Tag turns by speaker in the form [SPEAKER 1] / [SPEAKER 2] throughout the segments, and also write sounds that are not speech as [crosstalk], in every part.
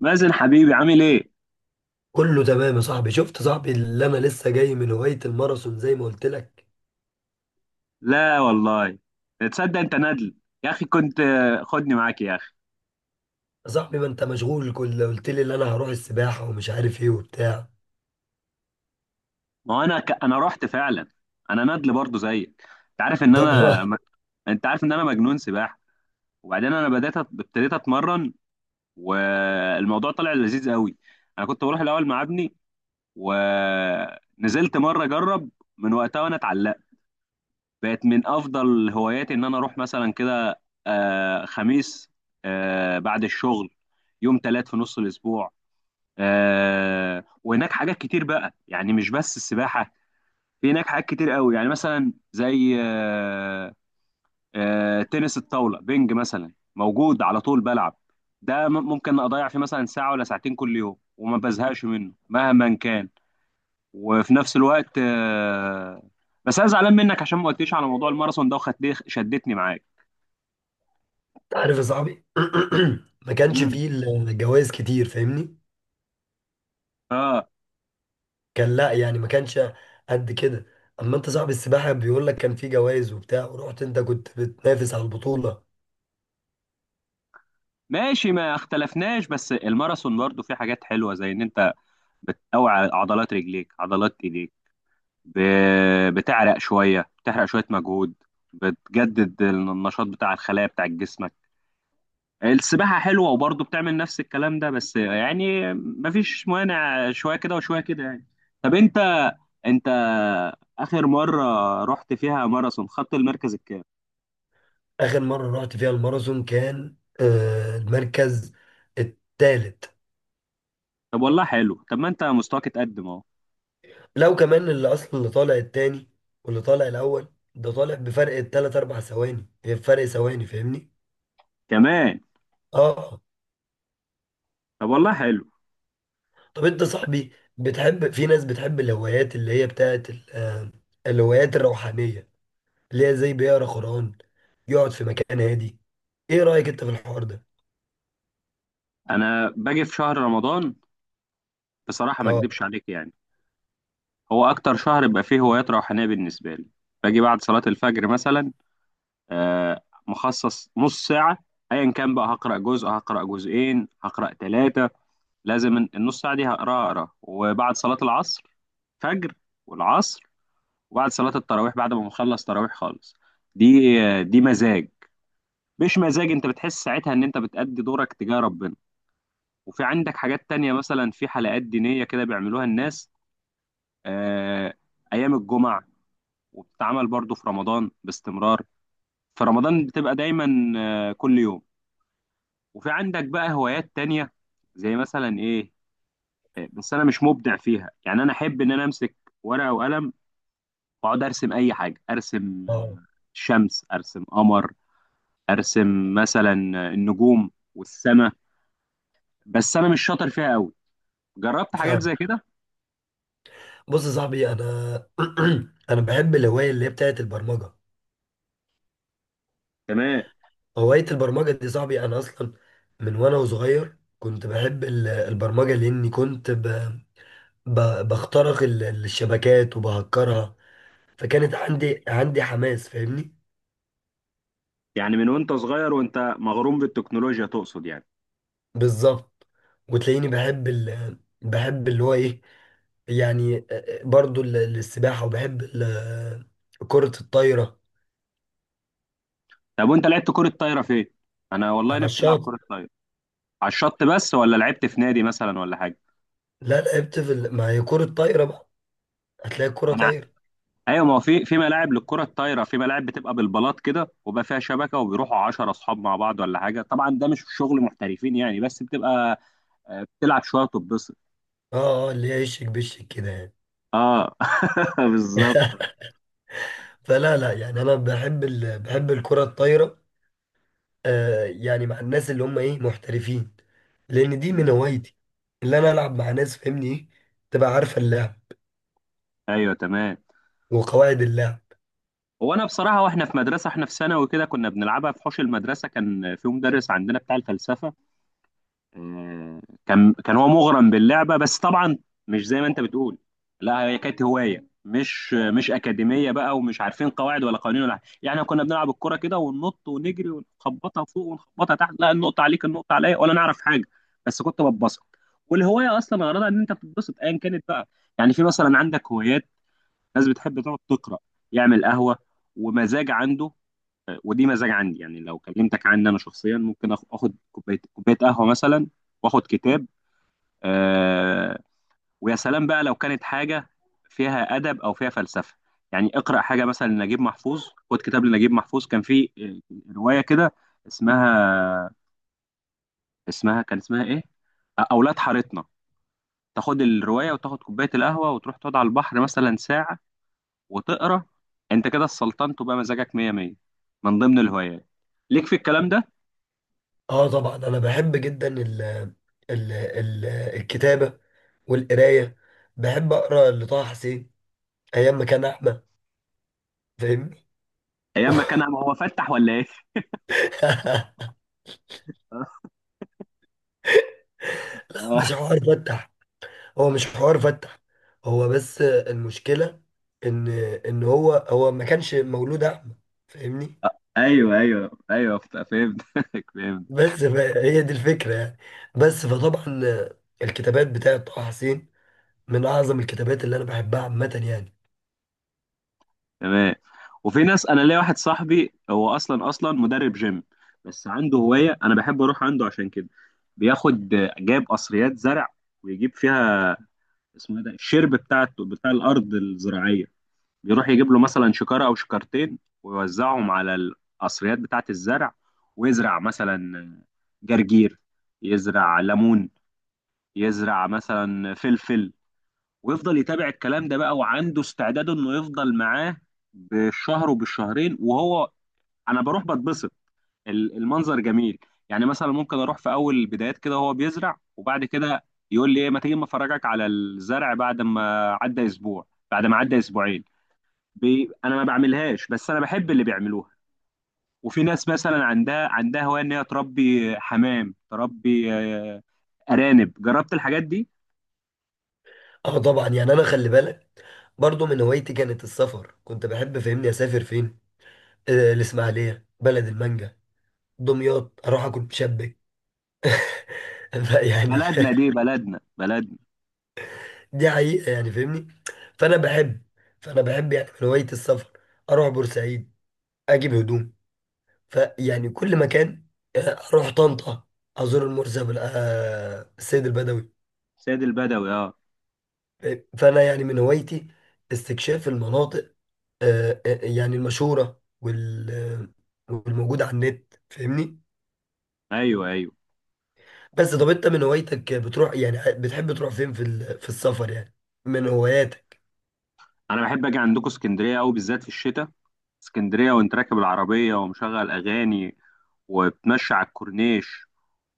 [SPEAKER 1] مازن حبيبي عامل ايه؟
[SPEAKER 2] كله تمام يا صاحبي. شفت يا صاحبي اللي انا لسه جاي من هواية الماراثون زي ما قلت لك.
[SPEAKER 1] لا والله. تصدق انت ندل. يا اخي كنت، خدني معاك يا اخي.
[SPEAKER 2] يا صاحبي ما انت مشغول، كل قلت لي ان انا هروح السباحة ومش عارف ايه وبتاع.
[SPEAKER 1] ما هو انا ك... انا رحت فعلا. انا ندل برضو زيك. انت عارف ان
[SPEAKER 2] طبعا.
[SPEAKER 1] انا م...
[SPEAKER 2] [laughs]
[SPEAKER 1] انت عارف ان انا مجنون سباحه. وبعدين انا ابتديت اتمرن، والموضوع طلع لذيذ قوي. انا كنت بروح الاول مع ابني، ونزلت مره اجرب، من وقتها وانا اتعلقت. بقت من افضل هواياتي ان انا اروح مثلا كده خميس، بعد الشغل، يوم تلات في نص الاسبوع. وهناك حاجات كتير بقى، يعني مش بس السباحه، في هناك حاجات كتير قوي، يعني مثلا زي تنس الطاوله، بينج مثلا موجود على طول بلعب. ممكن اضيع فيه مثلا ساعه ولا ساعتين كل يوم وما بزهقش منه مهما كان. وفي نفس الوقت بس انا زعلان منك عشان ما قلتليش على موضوع الماراثون ده وخدت شدتني معاك.
[SPEAKER 2] انت عارف يا صاحبي. [clears throat] ما كانش
[SPEAKER 1] امم
[SPEAKER 2] فيه الجوائز كتير، فاهمني؟
[SPEAKER 1] اه.
[SPEAKER 2] كان، لا يعني ما كانش قد كده. اما انت صاحب السباحة بيقول لك كان فيه جوائز وبتاع، ورحت انت كنت بتنافس على البطولة.
[SPEAKER 1] ماشي، ما اختلفناش، بس الماراثون برضو فيه حاجات حلوه، زي ان انت بتقوي عضلات رجليك، عضلات ايديك، ب... بتعرق شويه، بتحرق شويه مجهود، بتجدد النشاط بتاع الخلايا بتاع جسمك. السباحه حلوه وبرضو بتعمل نفس الكلام ده، بس يعني مفيش مانع، شويه كده وشويه كده يعني. طب انت، اخر مره رحت فيها ماراثون خدت المركز الكام؟
[SPEAKER 2] اخر مرة رحت فيها الماراثون كان المركز التالت.
[SPEAKER 1] طب والله حلو، طب ما انت مستواك اتقدم اهو.
[SPEAKER 2] لو كمان اللي اصلا اللي طالع التاني، واللي طالع الاول ده طالع بفرق التلات اربع ثواني، هي فرق ثواني، فاهمني؟
[SPEAKER 1] كمان؟
[SPEAKER 2] اه.
[SPEAKER 1] طب والله حلو.
[SPEAKER 2] طب انت صاحبي بتحب، في ناس بتحب الهوايات اللي هي بتاعت الهوايات الروحانية، اللي هي زي بيقرا قرآن، يقعد في مكان هادي. ايه رأيك انت في الحوار ده؟
[SPEAKER 1] انا باجي في شهر رمضان، بصراحه ما
[SPEAKER 2] اه،
[SPEAKER 1] اكدبش عليك يعني. هو اكتر شهر بيبقى فيه هوايات روحانيه بالنسبه لي. باجي بعد صلاه الفجر مثلا، آه، مخصص نص ساعه، ايا كان بقى، هقرا جزء، هقرا جزئين، هقرا ثلاثه، لازم النص ساعه دي هقراها اقرا. وبعد صلاه العصر، فجر والعصر، وبعد صلاة التراويح، بعد ما بخلص تراويح خالص. دي دي مزاج. مش مزاج، انت بتحس ساعتها ان انت بتأدي دورك تجاه ربنا. وفي عندك حاجات تانية، مثلا في حلقات دينية كده بيعملوها الناس، آه، ايام الجمعة. وبتتعمل برضو في رمضان باستمرار، في رمضان بتبقى دايما آه كل يوم. وفي عندك بقى هوايات تانية، زي مثلا ايه، بس انا مش مبدع فيها يعني. انا احب ان انا امسك ورقة وقلم واقعد ارسم اي حاجة. ارسم
[SPEAKER 2] اه،
[SPEAKER 1] شمس، ارسم قمر، ارسم مثلا النجوم والسماء، بس انا مش شاطر فيها قوي. جربت حاجات
[SPEAKER 2] فاهم.
[SPEAKER 1] زي كده.
[SPEAKER 2] بص يا صاحبي انا، [clears throat] انا بحب الهواية اللي هي بتاعت البرمجة.
[SPEAKER 1] تمام.
[SPEAKER 2] هواية البرمجة دي صاحبي، أنا أصلا من وأنا صغير كنت بحب البرمجة، لأني كنت ب... بخترق الشبكات وبهكرها. فكانت عندي حماس، فاهمني؟
[SPEAKER 1] يعني من وانت صغير وانت مغروم بالتكنولوجيا تقصد يعني؟
[SPEAKER 2] بالظبط. وتلاقيني بحب بحب اللي هو إيه، يعني برضو السباحة، وبحب كرة الطايرة.
[SPEAKER 1] طب وانت لعبت كرة طايرة فين؟ انا والله
[SPEAKER 2] على
[SPEAKER 1] نفسي العب
[SPEAKER 2] الشاطئ.
[SPEAKER 1] كرة طايرة. على الشط بس؟ ولا لعبت في نادي مثلا ولا حاجة؟
[SPEAKER 2] لا لعبت في ما هي كرة طايرة بقى، هتلاقي كرة
[SPEAKER 1] انا،
[SPEAKER 2] طايرة.
[SPEAKER 1] ايوه، ما هو في ملاعب للكرة الطايرة، في ملاعب بتبقى بالبلاط كده وبقى فيها شبكة، وبيروحوا 10 اصحاب مع بعض ولا حاجة. طبعا ده مش شغل محترفين يعني، بس بتبقى بتلعب شوية وتتبسط.
[SPEAKER 2] اه، اه، اللي هي يشك بشك كده يعني.
[SPEAKER 1] اه. [laughs] بالظبط.
[SPEAKER 2] [laughs] فلا، لا، يعني انا بحب بحب الكرة الطايرة، يعني مع الناس اللي هم ايه محترفين، لان دي من هوايتي اللي انا العب مع ناس فاهمني ايه، تبقى عارفة اللعب
[SPEAKER 1] ايوه تمام.
[SPEAKER 2] وقواعد اللعب.
[SPEAKER 1] هو انا بصراحه، واحنا في مدرسه، احنا في ثانوي كده، كنا بنلعبها في حوش المدرسه. كان في مدرس عندنا بتاع الفلسفه، آه، كان هو مغرم باللعبه. بس طبعا مش زي ما انت بتقول، لا، هي كانت هوايه مش اكاديميه بقى، ومش عارفين قواعد ولا قوانين ولا حاجه يعني. إحنا كنا بنلعب الكره كده وننط ونجري ونخبطها فوق ونخبطها تحت، لا النقطه عليك، النقطه عليا، ولا نعرف حاجه. بس كنت ببسط. والهوايه اصلا غرضها ان انت تتبسط ايا كانت بقى. يعني في مثلا عندك هوايات، ناس بتحب تقعد تقرا، يعمل قهوه، ومزاج عنده. آه، ودي مزاج عندي يعني. لو كلمتك عني انا شخصيا، ممكن اخد كوبايه، كوبايه قهوه. مثلا واخد كتاب. آه، ويا سلام بقى لو كانت حاجه فيها ادب او فيها فلسفه. يعني اقرا حاجه مثلا لنجيب محفوظ. خد كتاب لنجيب محفوظ، كان في روايه كده اسمها، اسمها كان ايه، اولاد حارتنا. تاخد الروايه وتاخد كوبايه القهوه وتروح تقعد على البحر مثلا ساعه وتقرا، انت كده السلطنت وبقى مزاجك مية مية. من ضمن الهوايات ليك في الكلام ده؟
[SPEAKER 2] اه طبعا، انا بحب جدا الكتابة والقراية. بحب اقرا لطه حسين ايام ما كان احمد، فاهمني؟
[SPEAKER 1] ايام ما كان هو فتح ولا ايه؟
[SPEAKER 2] [laughs]
[SPEAKER 1] [laughs]
[SPEAKER 2] مش
[SPEAKER 1] آه،
[SPEAKER 2] عارف افتح. هو مش حوار فتح، هو بس المشكلة ان ان هو ما كانش مولود اعمى، فاهمني؟
[SPEAKER 1] ايوه ايوه ايوه فهمتك. [laughs] فهمت.
[SPEAKER 2] بس هي دي الفكرة يعني، بس فطبعا الكتابات بتاعة طه حسين من اعظم الكتابات اللي انا بحبها عامة يعني.
[SPEAKER 1] تمام. وفي ناس، انا ليا واحد صاحبي، هو اصلا مدرب جيم، بس عنده هوايه انا بحب اروح عنده عشان كده. بياخد، جايب قصريات زرع ويجيب فيها، اسمه ايه ده، الشرب بتاع الارض الزراعيه، بيروح يجيب له مثلا شكارة أو شكارتين ويوزعهم على القصريات بتاعة الزرع. ويزرع مثلا جرجير، يزرع ليمون، يزرع مثلا فلفل، ويفضل يتابع الكلام ده بقى. وعنده استعداد إنه يفضل معاه بالشهر وبالشهرين وهو، أنا بروح بتبسط. المنظر جميل يعني. مثلا ممكن أروح في أول البدايات كده وهو بيزرع، وبعد كده يقول لي إيه، ما تيجي ما أفرجك على الزرع، بعد ما عدى أسبوع، بعد ما عدى أسبوعين. انا ما بعملهاش، بس انا بحب اللي بيعملوها. وفي ناس مثلا عندها هوايه ان هي تربي حمام، تربي ارانب. جربت الحاجات دي.
[SPEAKER 2] اه طبعا يعني، انا خلي بالك، برضو من هوايتي كانت السفر، كنت بحب فاهمني اسافر فين، الاسماعيلية بلد المانجا، دمياط اروح اكل مشبك. [laughs] يعني
[SPEAKER 1] بلدنا، دي بلدنا.
[SPEAKER 2] دي حقيقة يعني، فاهمني؟ فأنا بحب فأنا بحب يعني من هواية السفر، أروح بورسعيد أجيب هدوم، فيعني كل مكان، آه، أروح طنطا أزور المرزب السيد البدوي.
[SPEAKER 1] سيد البدوي، اه.
[SPEAKER 2] فأنا يعني من هوايتي استكشاف المناطق، يعني المشهورة والموجودة على النت، فاهمني؟
[SPEAKER 1] ايوه ايوه.
[SPEAKER 2] بس طب أنت من هوايتك بتروح يعني، بتحب تروح فين في في السفر يعني، من هواياتك؟
[SPEAKER 1] انا بحب اجي عندكم اسكندريه قوي، بالذات في الشتاء. اسكندريه وانت راكب العربيه ومشغل اغاني وبتمشي على الكورنيش،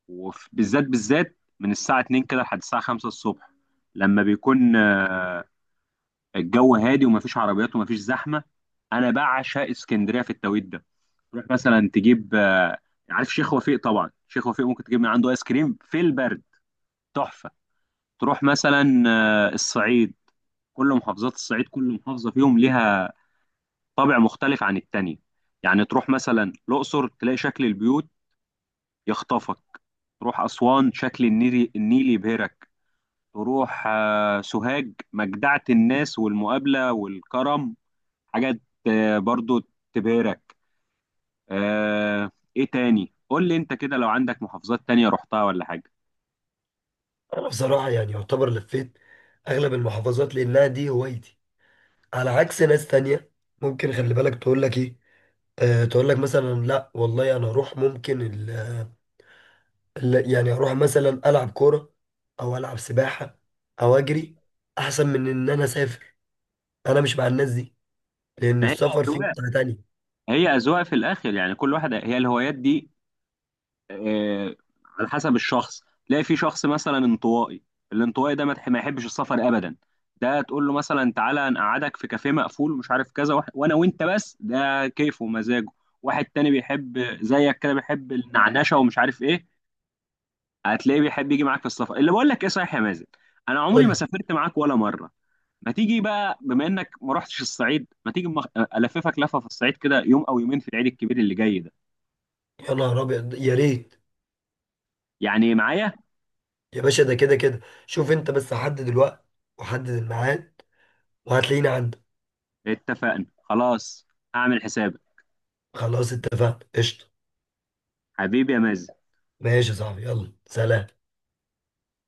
[SPEAKER 1] وبالذات بالذات من الساعه 2 كده لحد الساعه 5 الصبح، لما بيكون الجو هادي ومفيش عربيات ومفيش زحمه. انا بعشق اسكندريه في التوقيت ده. تروح مثلا تجيب عارف شيخ وفيق؟ طبعا شيخ وفيق ممكن تجيب من عنده ايس كريم في البرد، تحفه. تروح مثلا الصعيد، كل محافظات الصعيد كل محافظه فيهم ليها طابع مختلف عن التانية. يعني تروح مثلا الاقصر تلاقي شكل البيوت يخطفك، تروح اسوان شكل النيل، النيل يبهرك، تروح سوهاج، مجدعه الناس والمقابله والكرم، حاجة برضو تبهرك. آه، ايه تاني، قول لي انت كده لو عندك محافظات تانية رحتها ولا حاجة.
[SPEAKER 2] انا بصراحه يعني يعتبر لفيت اغلب المحافظات، لانها دي هوايتي على عكس ناس تانية. ممكن خلي بالك تقول لك ايه، أه تقول لك مثلا لا والله انا اروح ممكن يعني اروح مثلا العب كوره، او العب سباحه، او اجري، احسن من ان انا اسافر. انا مش مع الناس دي، لان
[SPEAKER 1] فهي
[SPEAKER 2] السفر فيه
[SPEAKER 1] أذواق،
[SPEAKER 2] متعه تانية.
[SPEAKER 1] هي أذواق في الآخر يعني. كل واحدة، هي الهوايات دي آه، على حسب الشخص. تلاقي في شخص مثلا انطوائي، الانطوائي ده ما يحبش السفر أبدا. ده تقول له مثلا تعالى نقعدك في كافيه مقفول ومش عارف كذا وانا وانت بس، ده كيفه ومزاجه. واحد تاني بيحب زيك كده، بيحب النعنشة ومش عارف ايه، هتلاقيه بيحب يجي معاك في السفر، اللي بقول لك ايه، صحيح يا مازن، انا عمري
[SPEAKER 2] قول
[SPEAKER 1] ما
[SPEAKER 2] لي.
[SPEAKER 1] سافرت معاك ولا مره. ما تيجي بقى بما انك ما رحتش الصعيد، ما تيجي الففك لفه في الصعيد كده يوم او يومين في العيد الكبير اللي جاي ده،
[SPEAKER 2] يا نهار ابيض، يا ريت.
[SPEAKER 1] يعني معايا.
[SPEAKER 2] يا باشا، ده كده كده، شوف انت بس حدد الوقت وحدد الميعاد، وهتلاقيني عندك.
[SPEAKER 1] اتفقنا، خلاص، هعمل حسابك.
[SPEAKER 2] خلاص اتفقنا، قشطه.
[SPEAKER 1] حبيبي يا مازن.
[SPEAKER 2] ماشي يا صاحبي، يلا سلام.